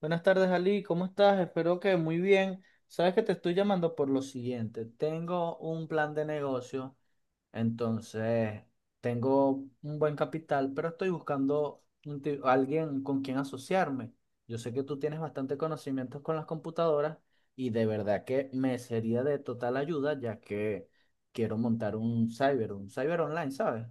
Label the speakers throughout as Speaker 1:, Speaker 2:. Speaker 1: Buenas tardes, Ali. ¿Cómo estás? Espero que muy bien. Sabes que te estoy llamando por lo siguiente. Tengo un plan de negocio, entonces tengo un buen capital, pero estoy buscando un alguien con quien asociarme. Yo sé que tú tienes bastante conocimientos con las computadoras y de verdad que me sería de total ayuda ya que quiero montar un cyber online, ¿sabes?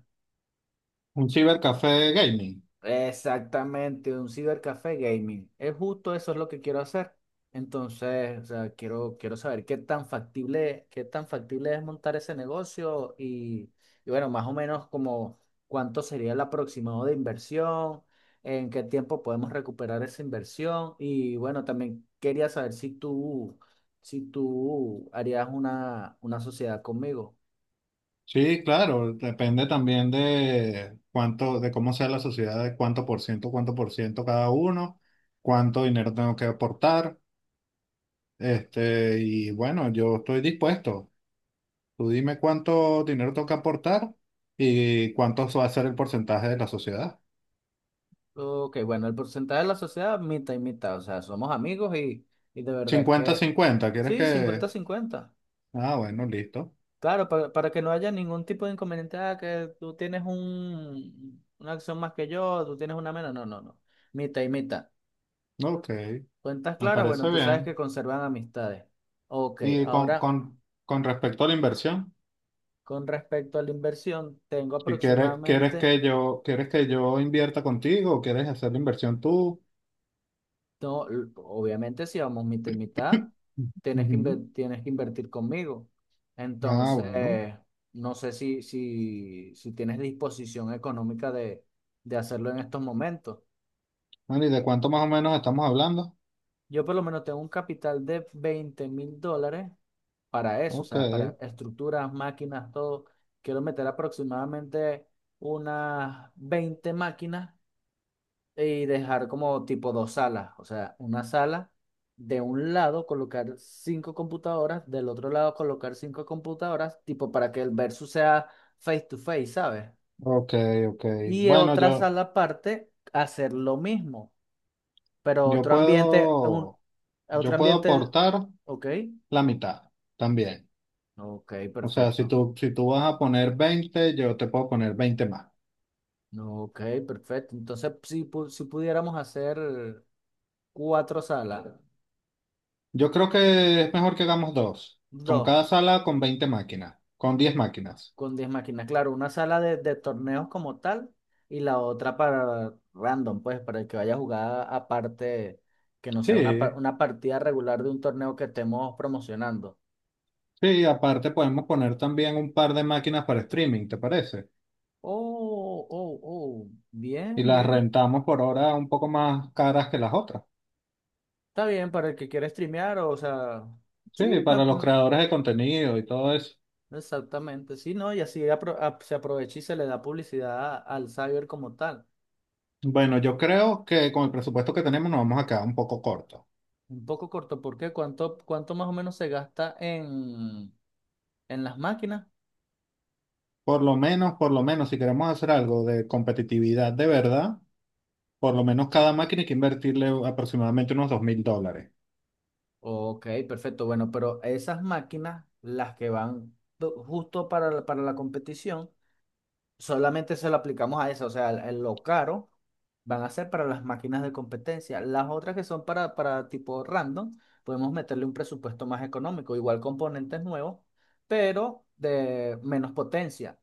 Speaker 2: Un cibercafé gaming.
Speaker 1: Exactamente, un cibercafé gaming. Es justo eso es lo que quiero hacer. Entonces, o sea, quiero saber qué tan factible es montar ese negocio y bueno, más o menos como cuánto sería el aproximado de inversión, en qué tiempo podemos recuperar esa inversión y bueno, también quería saber si tú harías una sociedad conmigo.
Speaker 2: Sí, claro, depende también de cuánto, de cómo sea la sociedad, de cuánto por ciento cada uno, cuánto dinero tengo que aportar. Este, y bueno, yo estoy dispuesto. Tú dime cuánto dinero tengo que aportar y cuánto va a ser el porcentaje de la sociedad.
Speaker 1: Ok, bueno, el porcentaje de la sociedad, mitad y mitad, o sea, somos amigos y de verdad que
Speaker 2: Cincuenta-cincuenta, ¿quieres
Speaker 1: sí,
Speaker 2: que...?
Speaker 1: 50-50.
Speaker 2: Ah, bueno, listo.
Speaker 1: Claro, para que no haya ningún tipo de inconveniente, ah, que tú tienes una acción más que yo, tú tienes una menos, no, no, no, mitad y mitad.
Speaker 2: Ok,
Speaker 1: Cuentas
Speaker 2: me
Speaker 1: claras, bueno,
Speaker 2: parece
Speaker 1: tú sabes
Speaker 2: bien.
Speaker 1: que conservan amistades. Ok,
Speaker 2: ¿Y con,
Speaker 1: ahora
Speaker 2: con, con respecto a la inversión?
Speaker 1: con respecto a la inversión, tengo
Speaker 2: Si quieres, quieres que
Speaker 1: aproximadamente
Speaker 2: yo, quieres que yo invierta contigo o quieres hacer la inversión tú.
Speaker 1: no, obviamente si vamos mitad y mitad,
Speaker 2: Ujú.
Speaker 1: tienes que invertir conmigo.
Speaker 2: Ah, bueno.
Speaker 1: Entonces, no sé si tienes disposición económica de hacerlo en estos momentos.
Speaker 2: Bueno, ¿y de cuánto más o menos estamos hablando?
Speaker 1: Yo por lo menos tengo un capital de $20,000 para eso, o
Speaker 2: Ok,
Speaker 1: sea, para estructuras, máquinas, todo. Quiero meter aproximadamente unas 20 máquinas y dejar como tipo dos salas, o sea, una sala de un lado colocar cinco computadoras, del otro lado colocar cinco computadoras, tipo para que el versus sea face to face, ¿sabes?
Speaker 2: ok, ok.
Speaker 1: Y en
Speaker 2: Bueno,
Speaker 1: otra sala aparte hacer lo mismo, pero
Speaker 2: yo puedo,
Speaker 1: otro
Speaker 2: yo puedo
Speaker 1: ambiente,
Speaker 2: aportar
Speaker 1: ok,
Speaker 2: la mitad también.
Speaker 1: ok,
Speaker 2: O sea, si
Speaker 1: perfecto.
Speaker 2: tú, si tú vas a poner 20, yo te puedo poner 20 más.
Speaker 1: Ok, perfecto. Entonces, si pudiéramos hacer cuatro salas,
Speaker 2: Yo creo que es mejor que hagamos dos. Con
Speaker 1: dos.
Speaker 2: cada sala, con 20 máquinas, con 10 máquinas.
Speaker 1: Con 10 máquinas, claro, una sala de torneos como tal y la otra para random, pues, para el que vaya a jugar aparte, que no sea
Speaker 2: Sí,
Speaker 1: una partida regular de un torneo que estemos promocionando.
Speaker 2: sí, aparte podemos poner también un par de máquinas para streaming, ¿te parece?
Speaker 1: Oh, oh, oh, bien,
Speaker 2: Y las
Speaker 1: bien.
Speaker 2: rentamos por ahora un poco más caras que las otras.
Speaker 1: Está bien, para el que quiera streamear, o sea, sí,
Speaker 2: Sí, para los creadores de contenido y todo eso.
Speaker 1: exactamente, sí, ¿no? Y así se aprovecha y se le da publicidad al cyber como tal.
Speaker 2: Bueno, yo creo que con el presupuesto que tenemos nos vamos a quedar un poco cortos.
Speaker 1: Un poco corto, ¿por qué? ¿Cuánto más o menos se gasta en las máquinas?
Speaker 2: Por lo menos, si queremos hacer algo de competitividad de verdad, por lo menos cada máquina hay que invertirle aproximadamente unos $2.000.
Speaker 1: Ok, perfecto. Bueno, pero esas máquinas, las que justo para la competición, solamente se lo aplicamos a eso. O sea, lo caro van a ser para las máquinas de competencia. Las otras que son para tipo random, podemos meterle un presupuesto más económico, igual componentes nuevos, pero de menos potencia.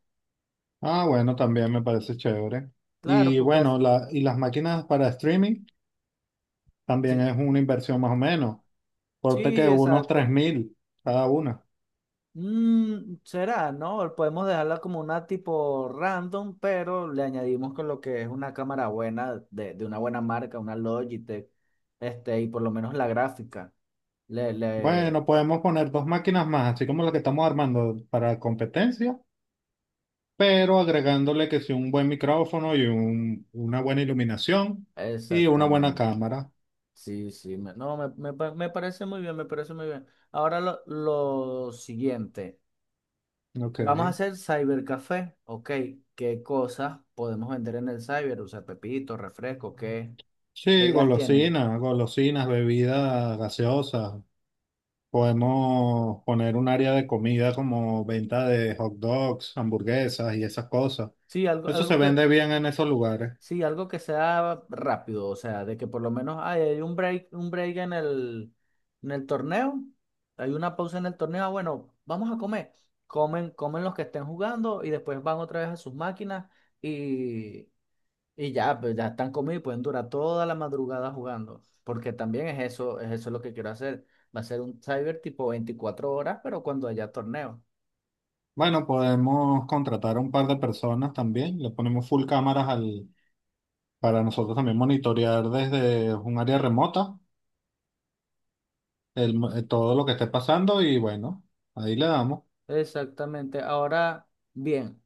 Speaker 2: Ah, bueno, también me parece chévere.
Speaker 1: Claro,
Speaker 2: Y
Speaker 1: porque
Speaker 2: bueno, y las máquinas para streaming también
Speaker 1: sí,
Speaker 2: es una inversión más o menos, corte que
Speaker 1: sí,
Speaker 2: unos tres
Speaker 1: exacto.
Speaker 2: mil cada una.
Speaker 1: Mm, será, ¿no? Podemos dejarla como una tipo random, pero le añadimos con lo que es una cámara buena, de una buena marca, una Logitech, este, y por lo menos la gráfica. Le, le,
Speaker 2: Bueno, podemos poner dos máquinas más, así como la que estamos armando para competencia, pero agregándole que sí un buen micrófono y una buena iluminación y una buena
Speaker 1: exactamente.
Speaker 2: cámara.
Speaker 1: Sí, sí, no, me parece muy bien, me parece muy bien. Ahora lo siguiente,
Speaker 2: Ok.
Speaker 1: vamos a hacer cybercafé, ok, ¿qué cosas podemos vender en el cyber? O sea, pepito, refresco, ¿qué
Speaker 2: Sí,
Speaker 1: ideas tienes?
Speaker 2: golosinas, golosinas, bebidas gaseosas. Podemos poner un área de comida como venta de hot dogs, hamburguesas y esas cosas.
Speaker 1: Sí,
Speaker 2: Eso se vende bien en esos lugares.
Speaker 1: Sí, algo que sea rápido, o sea, de que por lo menos ay, hay un break en el torneo, hay una pausa en el torneo, ah, bueno, vamos a comer. Comen los que estén jugando y después van otra vez a sus máquinas y, y ya, pues ya están comidos y pueden durar toda la madrugada jugando. Porque también es eso lo que quiero hacer. Va a ser un cyber tipo 24 horas, pero cuando haya torneo.
Speaker 2: Bueno, podemos contratar a un par de personas también. Le ponemos full cámaras para nosotros también monitorear desde un área remota todo lo que esté pasando y bueno, ahí le damos.
Speaker 1: Exactamente. Ahora, bien.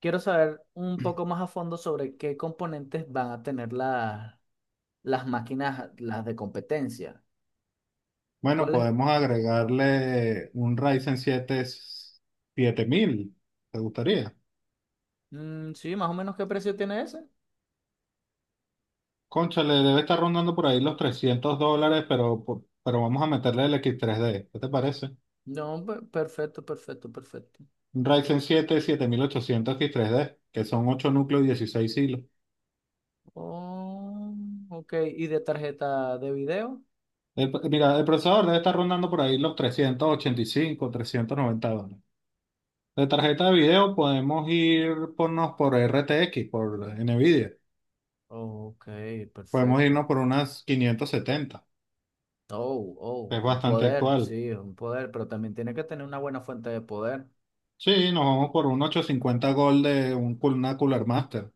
Speaker 1: Quiero saber un poco más a fondo sobre qué componentes van a tener las máquinas, las de competencia.
Speaker 2: Bueno,
Speaker 1: ¿Cuál es?
Speaker 2: podemos agregarle un Ryzen 7 7000. ¿Te gustaría?
Speaker 1: Mm, sí, más o menos qué precio tiene ese.
Speaker 2: Concha, le debe estar rondando por ahí los $300, pero vamos a meterle el X3D. ¿Qué te parece?
Speaker 1: No, perfecto, perfecto, perfecto.
Speaker 2: Un Ryzen 7 7800 X3D, que son 8 núcleos y 16 hilos.
Speaker 1: Oh, ok, ¿y de tarjeta de video?
Speaker 2: Mira, el procesador debe estar rondando por ahí los 385, $390. De tarjeta de video podemos ir ponnos por RTX, por NVIDIA.
Speaker 1: Ok,
Speaker 2: Podemos
Speaker 1: perfecto.
Speaker 2: irnos por unas 570.
Speaker 1: Oh, oh,
Speaker 2: Es
Speaker 1: un
Speaker 2: bastante
Speaker 1: poder,
Speaker 2: actual.
Speaker 1: sí, un poder, pero también tiene que tener una buena fuente de poder.
Speaker 2: Sí, nos vamos por un 850 Gold de una Cooler Master,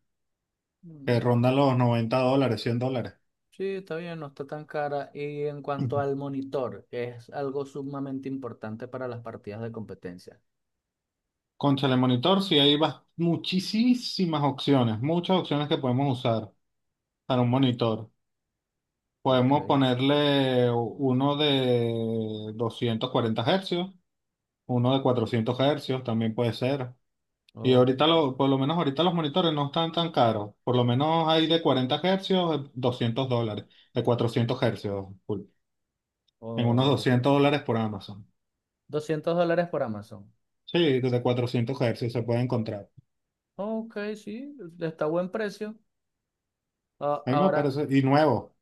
Speaker 2: que
Speaker 1: Mm.
Speaker 2: ronda los $90, $100.
Speaker 1: Sí, está bien, no está tan cara. Y en cuanto al monitor, que es algo sumamente importante para las partidas de competencia.
Speaker 2: Con telemonitor sí hay muchísimas opciones, muchas opciones que podemos usar para un monitor.
Speaker 1: Ok,
Speaker 2: Podemos ponerle uno de 240 Hz, uno de 400 Hz también puede ser. Y
Speaker 1: ok,
Speaker 2: ahorita, por lo menos ahorita los monitores no están tan caros. Por lo menos hay de 40 Hz, $200. De 400 hercios, full. En unos
Speaker 1: ok.
Speaker 2: $200 por Amazon.
Speaker 1: 200 dólares por Amazon.
Speaker 2: Sí, de 400 Hz se puede encontrar.
Speaker 1: Ok, sí, está a buen precio.
Speaker 2: A mí me
Speaker 1: Ahora,
Speaker 2: parece, y nuevo.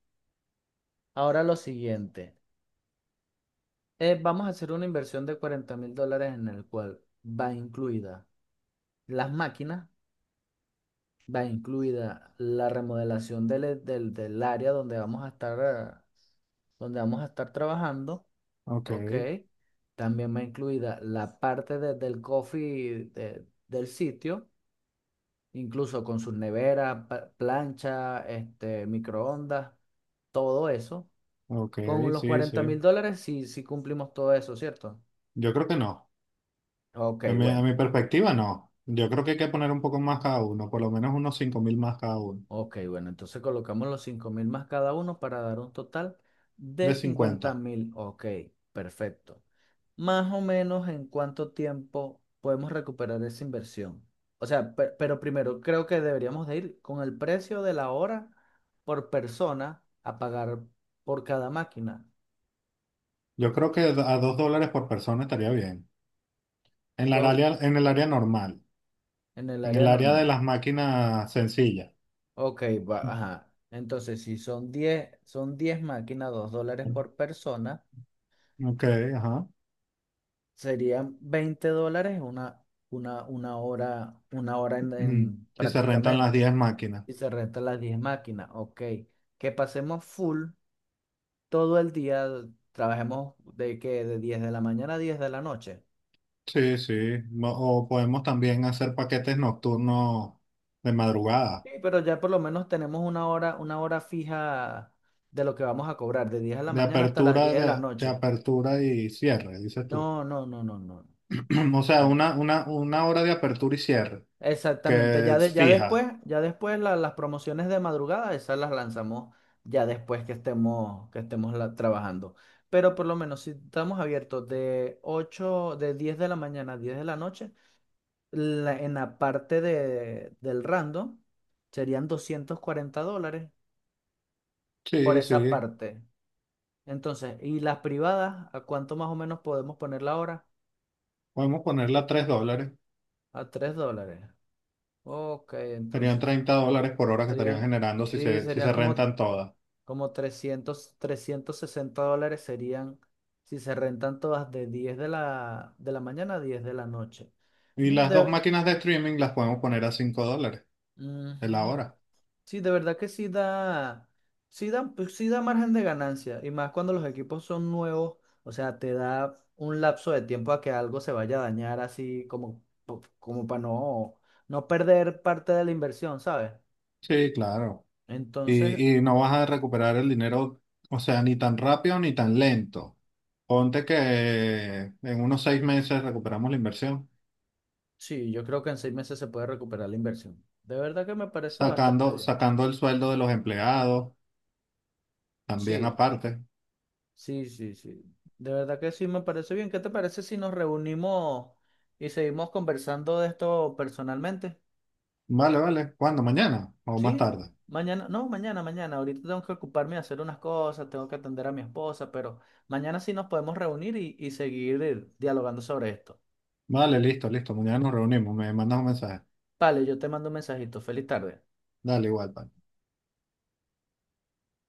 Speaker 1: ahora lo siguiente. Vamos a hacer una inversión de $40,000 en el cual va incluida las máquinas, va incluida la remodelación del área donde vamos a estar, donde vamos a estar trabajando.
Speaker 2: Ok,
Speaker 1: Ok. También va incluida la parte del coffee del sitio, incluso con sus neveras, plancha, este, microondas, todo eso. Con
Speaker 2: ok,
Speaker 1: los
Speaker 2: sí,
Speaker 1: cuarenta
Speaker 2: sí.
Speaker 1: mil dólares sí, sí cumplimos todo eso, ¿cierto?
Speaker 2: Yo creo que no.
Speaker 1: Ok,
Speaker 2: A
Speaker 1: bueno.
Speaker 2: mi perspectiva, no. Yo creo que hay que poner un poco más cada uno, por lo menos unos 5.000 más cada uno,
Speaker 1: Ok, bueno. Entonces colocamos los 5,000 más cada uno para dar un total de
Speaker 2: de
Speaker 1: cincuenta
Speaker 2: 50.
Speaker 1: mil. Ok, perfecto. Más o menos en cuánto tiempo podemos recuperar esa inversión. O sea, pero primero creo que deberíamos de ir con el precio de la hora por persona a pagar por cada máquina.
Speaker 2: Yo creo que a $2 por persona estaría bien.
Speaker 1: Dos
Speaker 2: En el área normal,
Speaker 1: en el
Speaker 2: en
Speaker 1: área
Speaker 2: el área de
Speaker 1: normal.
Speaker 2: las máquinas sencillas.
Speaker 1: Ok, va, ajá. Entonces, si son 10 son 10 máquinas, $2 por persona,
Speaker 2: Ok, ajá.
Speaker 1: serían $20 una, una, una hora, una hora en, en-
Speaker 2: Si se rentan las
Speaker 1: prácticamente.
Speaker 2: 10 máquinas.
Speaker 1: Y se rentan las 10 máquinas. Ok. Que pasemos full todo el día trabajemos de que de 10 de la mañana a 10 de la noche.
Speaker 2: Sí, sí. O podemos también hacer paquetes nocturnos de madrugada,
Speaker 1: Sí, pero ya por lo menos tenemos una hora fija de lo que vamos a cobrar, de 10 de la
Speaker 2: de
Speaker 1: mañana hasta las 10
Speaker 2: apertura,
Speaker 1: de la
Speaker 2: de
Speaker 1: noche.
Speaker 2: apertura y cierre, dices tú.
Speaker 1: No, no, no, no, no.
Speaker 2: O sea,
Speaker 1: Eh,
Speaker 2: una hora de apertura y cierre
Speaker 1: exactamente,
Speaker 2: que es fija.
Speaker 1: ya después las promociones de madrugada, esas las lanzamos ya después que estemos trabajando. Pero por lo menos si estamos abiertos de 8 de 10 de la mañana a 10 de la noche, en la parte del random serían $240 por
Speaker 2: Sí,
Speaker 1: esa
Speaker 2: sí.
Speaker 1: parte. Entonces, ¿y las privadas? ¿A cuánto más o menos podemos ponerla ahora?
Speaker 2: Podemos ponerla a $3.
Speaker 1: A $3. Ok,
Speaker 2: Serían
Speaker 1: entonces
Speaker 2: $30 por hora que estarían
Speaker 1: serían,
Speaker 2: generando si
Speaker 1: sí,
Speaker 2: se, si
Speaker 1: serían
Speaker 2: se
Speaker 1: como,
Speaker 2: rentan todas.
Speaker 1: como $360 serían si se rentan todas de 10 de la mañana a 10 de la noche.
Speaker 2: Y
Speaker 1: Mira,
Speaker 2: las dos
Speaker 1: de...
Speaker 2: máquinas de streaming las podemos poner a $5 de la
Speaker 1: Ujú.
Speaker 2: hora.
Speaker 1: Sí, de verdad que sí da, pues sí da margen de ganancia, y más cuando los equipos son nuevos, o sea, te da un lapso de tiempo a que algo se vaya a dañar así como, como para no perder parte de la inversión, ¿sabes?
Speaker 2: Sí, claro.
Speaker 1: Entonces,
Speaker 2: Y no vas a recuperar el dinero, o sea, ni tan rápido ni tan lento. Ponte que en unos 6 meses recuperamos la inversión,
Speaker 1: sí, yo creo que en 6 meses se puede recuperar la inversión. De verdad que me parece bastante
Speaker 2: sacando,
Speaker 1: bien.
Speaker 2: sacando el sueldo de los empleados, también
Speaker 1: Sí,
Speaker 2: aparte.
Speaker 1: sí, sí, sí. De verdad que sí me parece bien. ¿Qué te parece si nos reunimos y seguimos conversando de esto personalmente?
Speaker 2: Vale, vale. ¿Cuándo? ¿Mañana o más
Speaker 1: Sí,
Speaker 2: tarde?
Speaker 1: mañana, no, mañana, mañana. Ahorita tengo que ocuparme de hacer unas cosas, tengo que atender a mi esposa, pero mañana sí nos podemos reunir y seguir dialogando sobre esto.
Speaker 2: Vale, listo, listo. Mañana nos reunimos. Me mandas un mensaje.
Speaker 1: Vale, yo te mando un mensajito. Feliz tarde.
Speaker 2: Dale, igual, pa.